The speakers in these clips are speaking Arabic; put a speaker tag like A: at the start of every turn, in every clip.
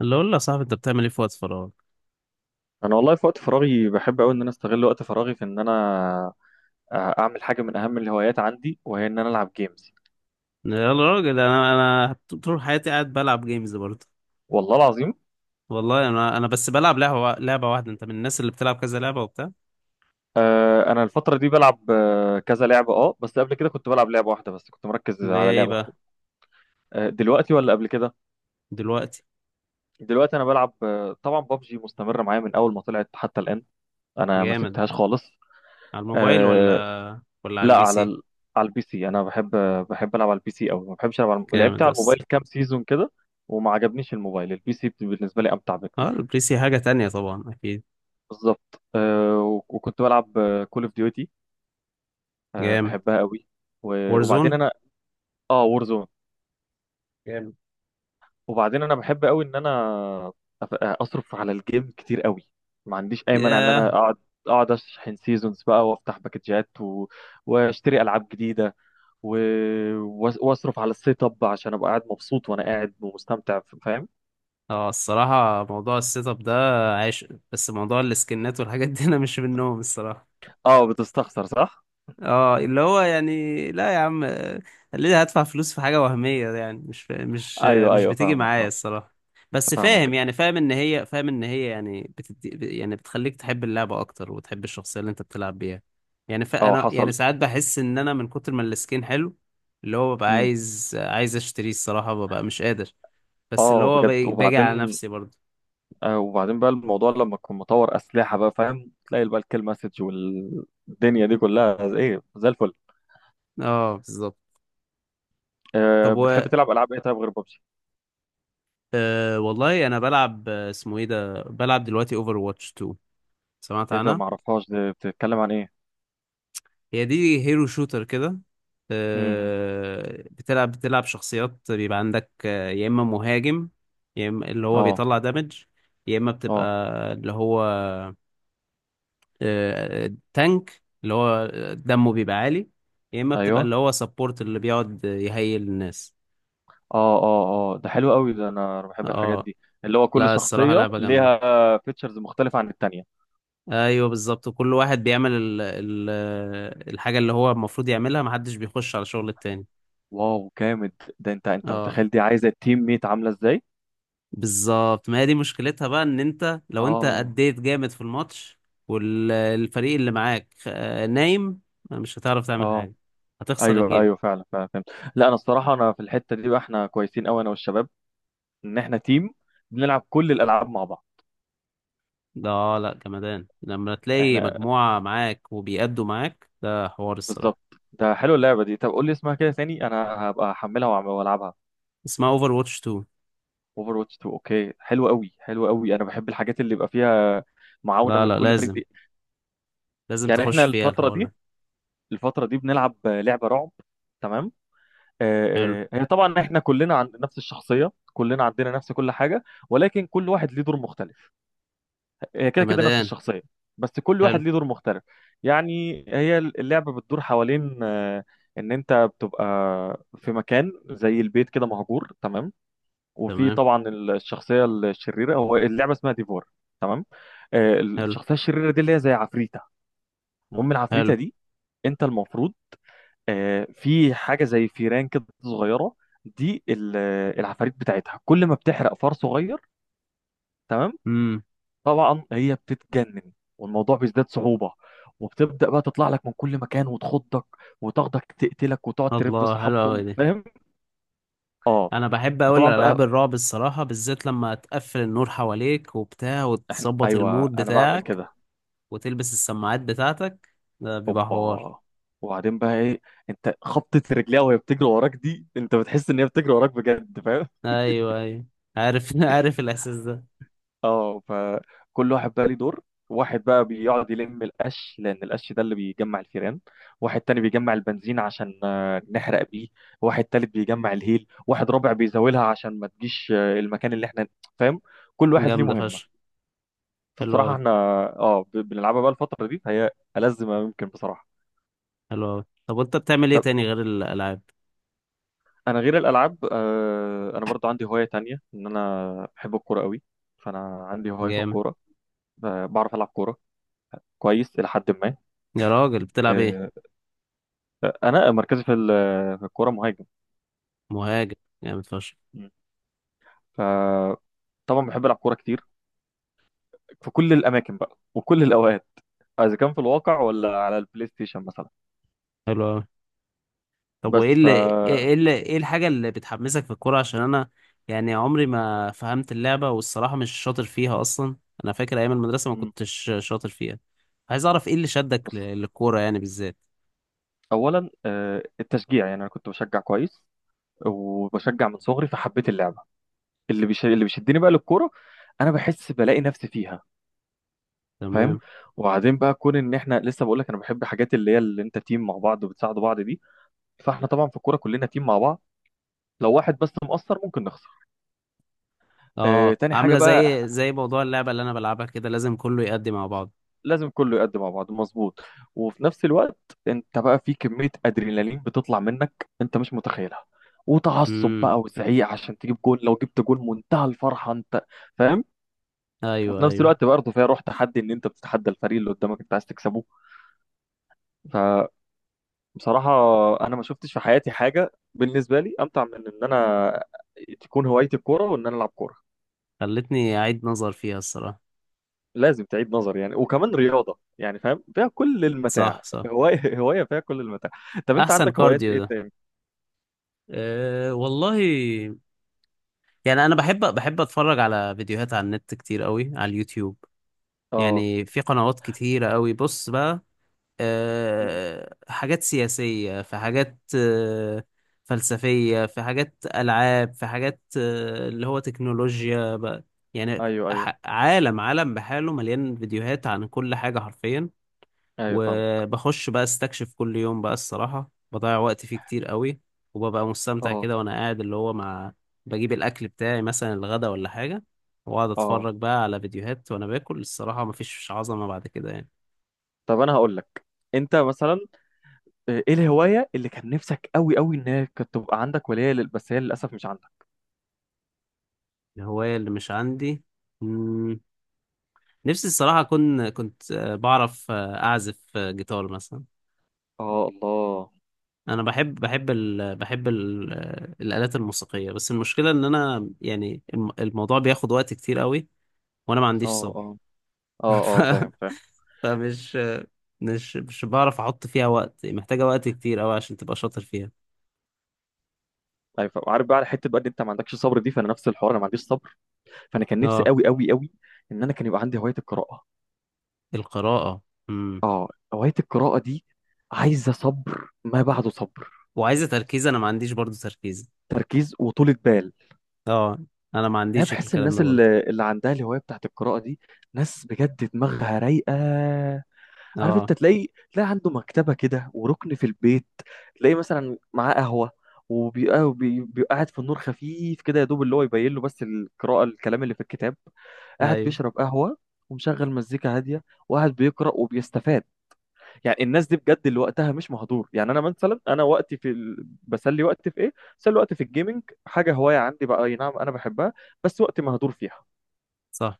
A: اللي اقول له يا صاحبي، انت بتعمل ايه في وقت فراغك؟
B: انا والله في وقت فراغي بحب قوي ان انا استغل وقت فراغي في ان انا اعمل حاجه من اهم الهوايات عندي وهي ان انا العب جيمز.
A: يا راجل، انا طول حياتي قاعد بلعب جيمز برضه.
B: والله العظيم.
A: والله انا بس بلعب لعبه واحده. انت من الناس اللي بتلعب كذا لعبه وبتاع؟
B: انا الفتره دي بلعب كذا لعبه بس قبل كده كنت بلعب لعبه واحده، بس كنت مركز
A: اللي هي
B: على
A: ايه
B: لعبه واحده.
A: بقى؟
B: دلوقتي ولا قبل كده؟
A: دلوقتي.
B: دلوقتي انا بلعب طبعا ببجي مستمره معايا من اول ما طلعت حتى الان. انا ما
A: جامد.
B: سبتهاش خالص.
A: على الموبايل
B: آه،
A: ولا على
B: لا،
A: البي سي؟
B: على البي سي انا بحب العب على البي سي قوي. ما بحبش العب لعبت
A: جامد يا
B: على
A: اسطى.
B: الموبايل كام سيزون كده. وما عجبنيش الموبايل، البي سي بالنسبه لي امتع
A: اه،
B: بكتير.
A: البي سي حاجه تانية طبعا، اكيد.
B: بالظبط. وكنت بلعب كول اوف ديوتي.
A: جامد.
B: بحبها قوي. و... وبعدين
A: وارزون.
B: انا اه وورزون.
A: جامد.
B: وبعدين انا بحب قوي ان انا اصرف على الجيم كتير قوي. ما عنديش اي مانع ان انا
A: ياه.
B: اقعد اشحن سيزونز بقى وافتح باكجات واشتري العاب جديده و... واصرف على السيت اب عشان ابقى قاعد مبسوط وانا قاعد ومستمتع، فاهم؟
A: اه، الصراحه موضوع السيت اب ده عايش. بس موضوع السكنات والحاجات دي انا مش منهم الصراحه.
B: اه بتستخسر صح؟
A: اه اللي هو يعني، لا يا عم. ليه هدفع فلوس في حاجة وهمية؟ يعني
B: ايوه
A: مش
B: ايوه
A: بتيجي
B: فاهمك
A: معايا
B: فاهم
A: الصراحة. بس فاهم،
B: فاهمك.
A: يعني فاهم ان هي يعني بتدي، يعني بتخليك تحب اللعبة اكتر وتحب الشخصية اللي انت بتلعب بيها. يعني
B: اه
A: فانا يعني
B: حصل.
A: ساعات بحس ان انا من كتر ما السكين حلو، اللي هو ببقى
B: امم.
A: عايز اشتريه الصراحة، ببقى مش قادر. بس اللي
B: اه
A: هو
B: بجد
A: باجي على
B: وبعدين.
A: نفسي برضه.
B: وبعدين بقى الموضوع لما تكون مطور اسلحه بقى فاهم، تلاقي بقى الكيل مسج والدنيا دي كلها ايه زي الفل.
A: اه بالظبط. طب و
B: بتحب تلعب العاب ايه طيب غير ببجي؟
A: والله انا بلعب، اسمه ايه ده، بلعب دلوقتي اوفر واتش 2. سمعت
B: ايه ده؟
A: عنها؟
B: معرفهاش دي، بتتكلم عن ايه؟
A: هي دي هيرو شوتر كده.
B: امم.
A: بتلعب شخصيات. بيبقى عندك يا اما مهاجم، يا اما اللي هو
B: اه
A: بيطلع دامج، يا اما بتبقى
B: اه.
A: اللي هو تانك اللي هو دمه بيبقى عالي، يا اما بتبقى
B: ايوه.
A: اللي هو سبورت اللي بيقعد يهيل الناس.
B: اه اه اه ده حلو قوي، ده انا بحب الحاجات
A: اه.
B: دي. اللي هو كل
A: لا الصراحة
B: شخصية
A: لعبة جامدة.
B: ليها فيتشرز مختلفة عن التانية.
A: ايوه بالظبط، كل واحد بيعمل ال الحاجة اللي هو المفروض يعملها، محدش بيخش على شغل التاني.
B: واو جامد، ده انت
A: اه
B: متخيل دي عايزة التيم ميت عاملة ازاي؟
A: بالظبط، ما هي دي مشكلتها بقى، ان انت لو انت
B: اه
A: اديت جامد في الماتش والفريق اللي معاك نايم، مش هتعرف تعمل
B: اه.
A: حاجة، هتخسر
B: ايوه
A: الجيم.
B: ايوه فعلا فعلا فهمت. لا انا الصراحة انا في الحتة دي بقى احنا كويسين قوي انا والشباب، ان احنا تيم، بنلعب كل الالعاب مع بعض.
A: ده لا جمدان لما تلاقي
B: احنا
A: مجموعة معاك وبيأدوا معاك، ده حوار
B: بالظبط.
A: الصراحة.
B: ده حلو اللعبة دي. طب قول لي اسمها كده ثاني، انا هبقى احملها والعبها.
A: اسمها اوفر واتش 2.
B: اوفر واتش 2، اوكي، حلو قوي حلو قوي، انا بحب الحاجات اللي يبقى فيها معاونه
A: لا
B: من
A: لا،
B: كل فريق
A: لازم،
B: دي.
A: لازم
B: يعني
A: تخش
B: احنا
A: فيها
B: الفترة
A: الحوار
B: دي،
A: ده.
B: بنلعب لعبة رعب. تمام.
A: حلو.
B: هي طبعا احنا كلنا عند نفس الشخصية، كلنا عندنا نفس كل حاجة، ولكن كل واحد ليه دور مختلف. هي كده كده نفس
A: جمدان.
B: الشخصية، بس كل واحد
A: حلو.
B: ليه دور مختلف. يعني هي اللعبة بتدور حوالين ان انت بتبقى في مكان زي البيت كده مهجور، تمام. وفي
A: تمام.
B: طبعا الشخصية الشريرة، هو اللعبة اسمها ديفور، تمام.
A: حلو.
B: الشخصية الشريرة دي اللي هي زي عفريتة. المهم العفريتة
A: حلو.
B: دي، انت المفروض في حاجه زي فيران كده صغيره، دي ال- العفاريت بتاعتها كل ما بتحرق فار صغير، تمام.
A: امم.
B: طبعا هي بتتجنن والموضوع بيزداد صعوبه، وبتبدا بقى تطلع لك من كل مكان وتخضك وتاخدك تقتلك وتقعد ترف
A: الله، حلو
B: بصحابكم،
A: قوي.
B: فاهم؟ اه
A: انا بحب اقول
B: فطبعا
A: العاب
B: بقى
A: الرعب الصراحه، بالذات لما تقفل النور حواليك وبتاع
B: احنا،
A: وتظبط
B: ايوه
A: المود
B: انا بعمل
A: بتاعك
B: كده.
A: وتلبس السماعات بتاعتك، ده بيبقى حوار.
B: اوبا. وبعدين بقى ايه؟ انت خبطة رجليها وهي بتجري وراك دي، انت بتحس ان هي بتجري وراك بجد، فاهم؟
A: ايوه ايوه. عارف عارف الاحساس ده.
B: اه فكل واحد بقى ليه دور. واحد بقى بيقعد يلم القش لان القش ده اللي بيجمع الفيران، واحد تاني بيجمع البنزين عشان نحرق بيه، واحد تالت بيجمع الهيل، واحد رابع بيزاولها عشان ما تجيش المكان اللي احنا، فاهم. كل واحد ليه
A: جامده
B: مهمة.
A: فشخ. حلو
B: فالصراحة
A: قوي.
B: احنا بنلعبها بقى الفترة دي، فهي ألذ ما ممكن بصراحة.
A: حلو قوي. طب وانت بتعمل ايه
B: طب
A: تاني غير الالعاب؟
B: انا غير الألعاب انا برضو عندي هواية تانية، ان انا بحب الكورة قوي. فانا عندي هواية في
A: جامد.
B: الكورة. بعرف ألعب كورة كويس إلى حد ما.
A: يا راجل، بتلعب
B: آه،
A: ايه؟
B: انا مركزي في الكوره مهاجم.
A: مهاجم. جامد فشخ.
B: مم. فطبعا بحب العب كوره كتير في كل الاماكن بقى وكل الاوقات، اذا كان في الواقع ولا على البلاي ستيشن مثلا.
A: حلو قوي. طب
B: بس
A: وايه
B: ف
A: اللي، ايه الحاجة اللي بتحمسك في الكورة؟ عشان انا يعني عمري ما فهمت اللعبة والصراحة مش شاطر فيها اصلا. انا فاكر ايام المدرسة ما
B: مم.
A: كنتش شاطر فيها. عايز اعرف ايه اللي شدك
B: بص،
A: للكورة يعني بالذات.
B: اولا التشجيع، يعني انا كنت بشجع كويس وبشجع من صغري فحبيت اللعبه. اللي بيشدني بقى للكوره، انا بحس بلاقي نفسي فيها، فاهم.
A: تمام.
B: وبعدين بقى كون ان احنا لسه بقول لك انا بحب حاجات اللي هي اللي انت تيم مع بعض وبتساعدوا بعض دي، فاحنا طبعا في الكوره كلنا تيم مع بعض. لو واحد بس مقصر ممكن نخسر.
A: اه
B: تاني حاجة
A: عاملة
B: بقى،
A: زي، موضوع اللعبة اللي انا بلعبها كده، لازم كله يأدي مع بعض.
B: لازم كله يقدم مع بعض مظبوط. وفي نفس الوقت انت بقى في كمية ادرينالين بتطلع منك انت مش متخيلها، وتعصب
A: امم.
B: بقى وزعيق عشان تجيب جول، لو جبت جول منتهى الفرحة انت، فاهم. وفي
A: ايوه
B: نفس
A: ايوه.
B: الوقت برضه فيها روح تحدي، ان انت بتتحدى الفريق اللي قدامك انت عايز تكسبه. فبصراحة انا ما شفتش في حياتي حاجة بالنسبة لي امتع من ان انا تكون هوايتي الكورة وان انا العب كورة.
A: خلتني اعيد نظر فيها الصراحة.
B: لازم تعيد نظر يعني، وكمان رياضة يعني، فاهم، فيها كل المتاع.
A: صح صح.
B: هواية هواية فيها كل المتاع. طب انت
A: احسن
B: عندك هوايات
A: كارديو
B: ايه
A: ده.
B: تاني؟
A: أه والله، يعني انا بحب اتفرج على فيديوهات على النت كتير قوي، على اليوتيوب.
B: اه
A: يعني في قنوات كتيرة قوي، بص بقى،
B: أمم.
A: أه حاجات سياسية، في حاجات فلسفية، في حاجات ألعاب، في حاجات اللي هو تكنولوجيا بقى. يعني
B: ايوه ايوه.
A: عالم بحاله مليان فيديوهات عن كل حاجة حرفيا.
B: ايوه فاهم.
A: وبخش بقى استكشف كل يوم بقى الصراحة، بضيع وقت فيه كتير قوي. وببقى مستمتع
B: اه
A: كده وانا قاعد، اللي هو مع، بجيب الاكل بتاعي مثلا الغدا ولا حاجة، واقعد
B: اه.
A: اتفرج بقى على فيديوهات وانا باكل، الصراحة مفيش عظمة بعد كده يعني.
B: طب انا هقول لك، انت مثلا، ايه الهواية اللي كان نفسك قوي قوي ان هي كانت تبقى عندك، ولا هي بس هي للاسف مش عندك؟
A: الهواية اللي مش عندي. مم. نفسي الصراحة أكون كنت بعرف أعزف جيتار مثلا.
B: اه الله.
A: أنا بحب، بحب ال بحب ال الآلات الموسيقية، بس المشكلة إن أنا، يعني الموضوع بياخد وقت كتير قوي، وأنا ما عنديش
B: اه اه
A: صبر.
B: اه اه
A: ف-
B: فاهم فاهم.
A: فمش مش مش بعرف احط فيها وقت، محتاجة وقت كتير قوي عشان تبقى شاطر فيها.
B: ايوه فاهم. عارف بقى على حته بقى ان انت ما عندكش صبر دي، فانا نفس الحوار انا ما عنديش صبر. فانا كان نفسي
A: اه.
B: قوي قوي قوي ان انا كان يبقى عندي هوايه القراءه.
A: القراءة. امم.
B: اه هواية القراءة دي عايزة صبر ما بعده صبر.
A: وعايزة تركيز، انا ما عنديش برضو تركيز.
B: تركيز وطولة بال.
A: اه. انا ما
B: انا
A: عنديش
B: بحس
A: الكلام
B: الناس
A: ده برضو.
B: اللي عندها الهواية بتاعت القراءة دي ناس بجد دماغها رايقة. عارف،
A: اه.
B: انت تلاقي عنده مكتبة كده وركن في البيت، تلاقي مثلا معاه قهوة، بيبقى قاعد في النور خفيف كده يا دوب اللي هو يبين له بس القراءة، الكلام اللي في الكتاب، قاعد
A: ايوه.
B: بيشرب قهوة ومشغل مزيكا هادية وقاعد بيقرأ وبيستفاد. يعني الناس دي بجد اللي وقتها مش مهدور. يعني انا مثلا انا وقتي بسلي وقتي في ايه، بسلي وقتي في الجيمنج، حاجه هوايه عندي بقى، اي نعم انا بحبها، بس وقتي مهدور فيها.
A: صح.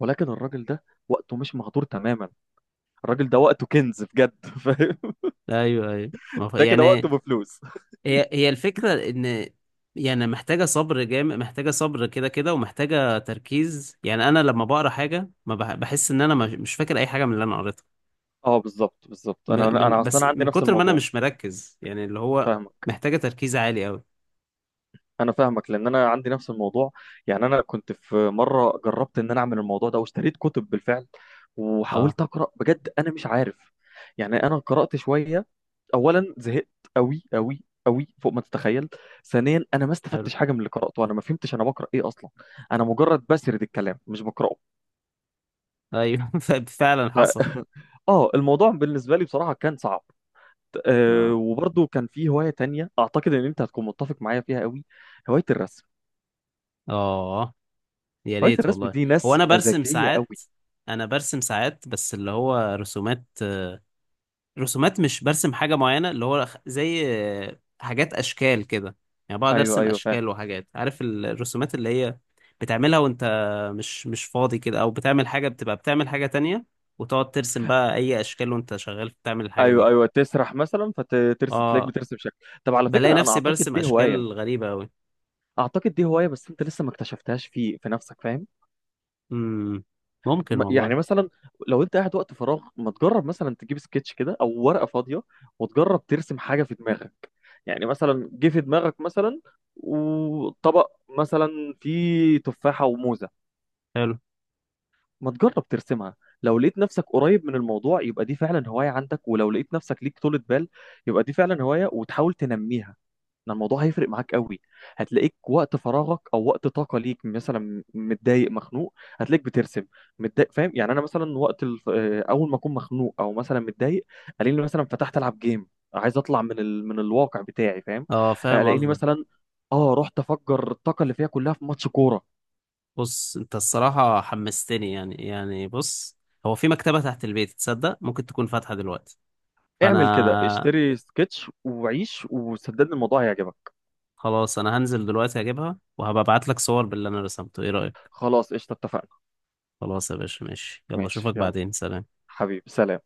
B: ولكن الراجل ده وقته مش مهدور تماما، الراجل ده وقته كنز بجد فاهم.
A: ايوه ايوه ما ف...
B: ده كده وقته
A: يعني
B: بفلوس.
A: هي الفكرة ان، يعني محتاجة صبر جامد، محتاجة صبر كده كده، ومحتاجة تركيز. يعني انا لما بقرا حاجة ما بح... بحس ان انا مش فاكر اي حاجة من اللي انا قريتها.
B: اه بالظبط بالظبط انا
A: من بس
B: اصلا عندي
A: من
B: نفس
A: كتر ما انا
B: الموضوع.
A: مش مركز، يعني اللي هو
B: فاهمك.
A: محتاجة تركيز عالي قوي.
B: انا فاهمك لان انا عندي نفس الموضوع. يعني انا كنت في مره جربت ان انا اعمل الموضوع ده، واشتريت كتب بالفعل
A: اه.
B: وحاولت اقرا بجد، انا مش عارف. يعني انا قرات شويه، اولا زهقت قوي قوي قوي فوق ما تتخيل. ثانيا انا ما
A: حلو.
B: استفدتش حاجه من اللي قراته، انا ما فهمتش انا بقرا ايه اصلا. انا مجرد بسرد الكلام مش بقراه.
A: ايوه فعلا
B: ف...
A: حصل.
B: اه الموضوع بالنسبه لي بصراحه كان صعب. أه
A: اه
B: وبرضه كان في هوايه تانية اعتقد ان انت هتكون متفق معايا فيها قوي، هوايه الرسم.
A: اه. يا
B: هواية
A: ريت
B: الرسم
A: والله.
B: دي
A: هو
B: ناس مزاجية قوي.
A: انا برسم ساعات بس اللي هو رسومات، رسومات، مش برسم حاجة معينة، اللي هو زي حاجات اشكال كده. يعني بقعد
B: ايوه
A: ارسم
B: ايوه فاهم.
A: اشكال وحاجات، عارف الرسومات اللي هي بتعملها وانت مش فاضي كده، او بتعمل حاجة، بتبقى بتعمل حاجة تانية وتقعد ترسم بقى اي اشكال وانت شغال بتعمل الحاجة
B: ايوه
A: دي.
B: ايوه تسرح مثلا فترسم تلاقيك
A: اه.
B: بترسم شكل. طب على
A: بلاقي
B: فكره انا
A: نفسي
B: اعتقد
A: برسم
B: دي هوايه،
A: اشكال غريبة اوي.
B: اعتقد دي هوايه بس انت لسه ما اكتشفتهاش في نفسك، فاهم.
A: امم. ممكن
B: يعني
A: والله.
B: مثلا لو انت قاعد وقت فراغ، ما تجرب مثلا تجيب سكتش كده او ورقه فاضيه وتجرب ترسم حاجه في دماغك. يعني مثلا جه في دماغك مثلا وطبق مثلا فيه تفاحه وموزه،
A: حلو.
B: ما تجرب ترسمها. لو لقيت نفسك قريب من الموضوع يبقى دي فعلا هواية عندك، ولو لقيت نفسك ليك طولة بال يبقى دي فعلا هواية وتحاول تنميها، ان الموضوع هيفرق معاك قوي. هتلاقيك وقت فراغك او وقت طاقة ليك مثلا متضايق مخنوق هتلاقيك بترسم، متضايق، فاهم. يعني انا مثلا وقت الف... آه، اول ما اكون مخنوق او مثلا متضايق، الاقيني مثلا فتحت العب جيم، عايز اطلع من الواقع بتاعي، فاهم.
A: اه فاهم
B: الاقيني
A: قصدك.
B: مثلا اه رحت افجر الطاقة اللي فيها كلها في ماتش كورة.
A: بص انت الصراحة حمستني، يعني يعني بص، هو في مكتبة تحت البيت تصدق، ممكن تكون فاتحة دلوقتي،
B: اعمل كده،
A: فانا،
B: اشتري سكتش وعيش وصدقني الموضوع هيعجبك.
A: خلاص انا هنزل دلوقتي اجيبها، وهبقى ابعت لك صور باللي انا رسمته، ايه رأيك؟
B: خلاص قشطة اتفقنا.
A: خلاص يا باشا، ماشي، يلا
B: ماشي
A: اشوفك
B: يلا.
A: بعدين، سلام.
B: حبيبي سلام.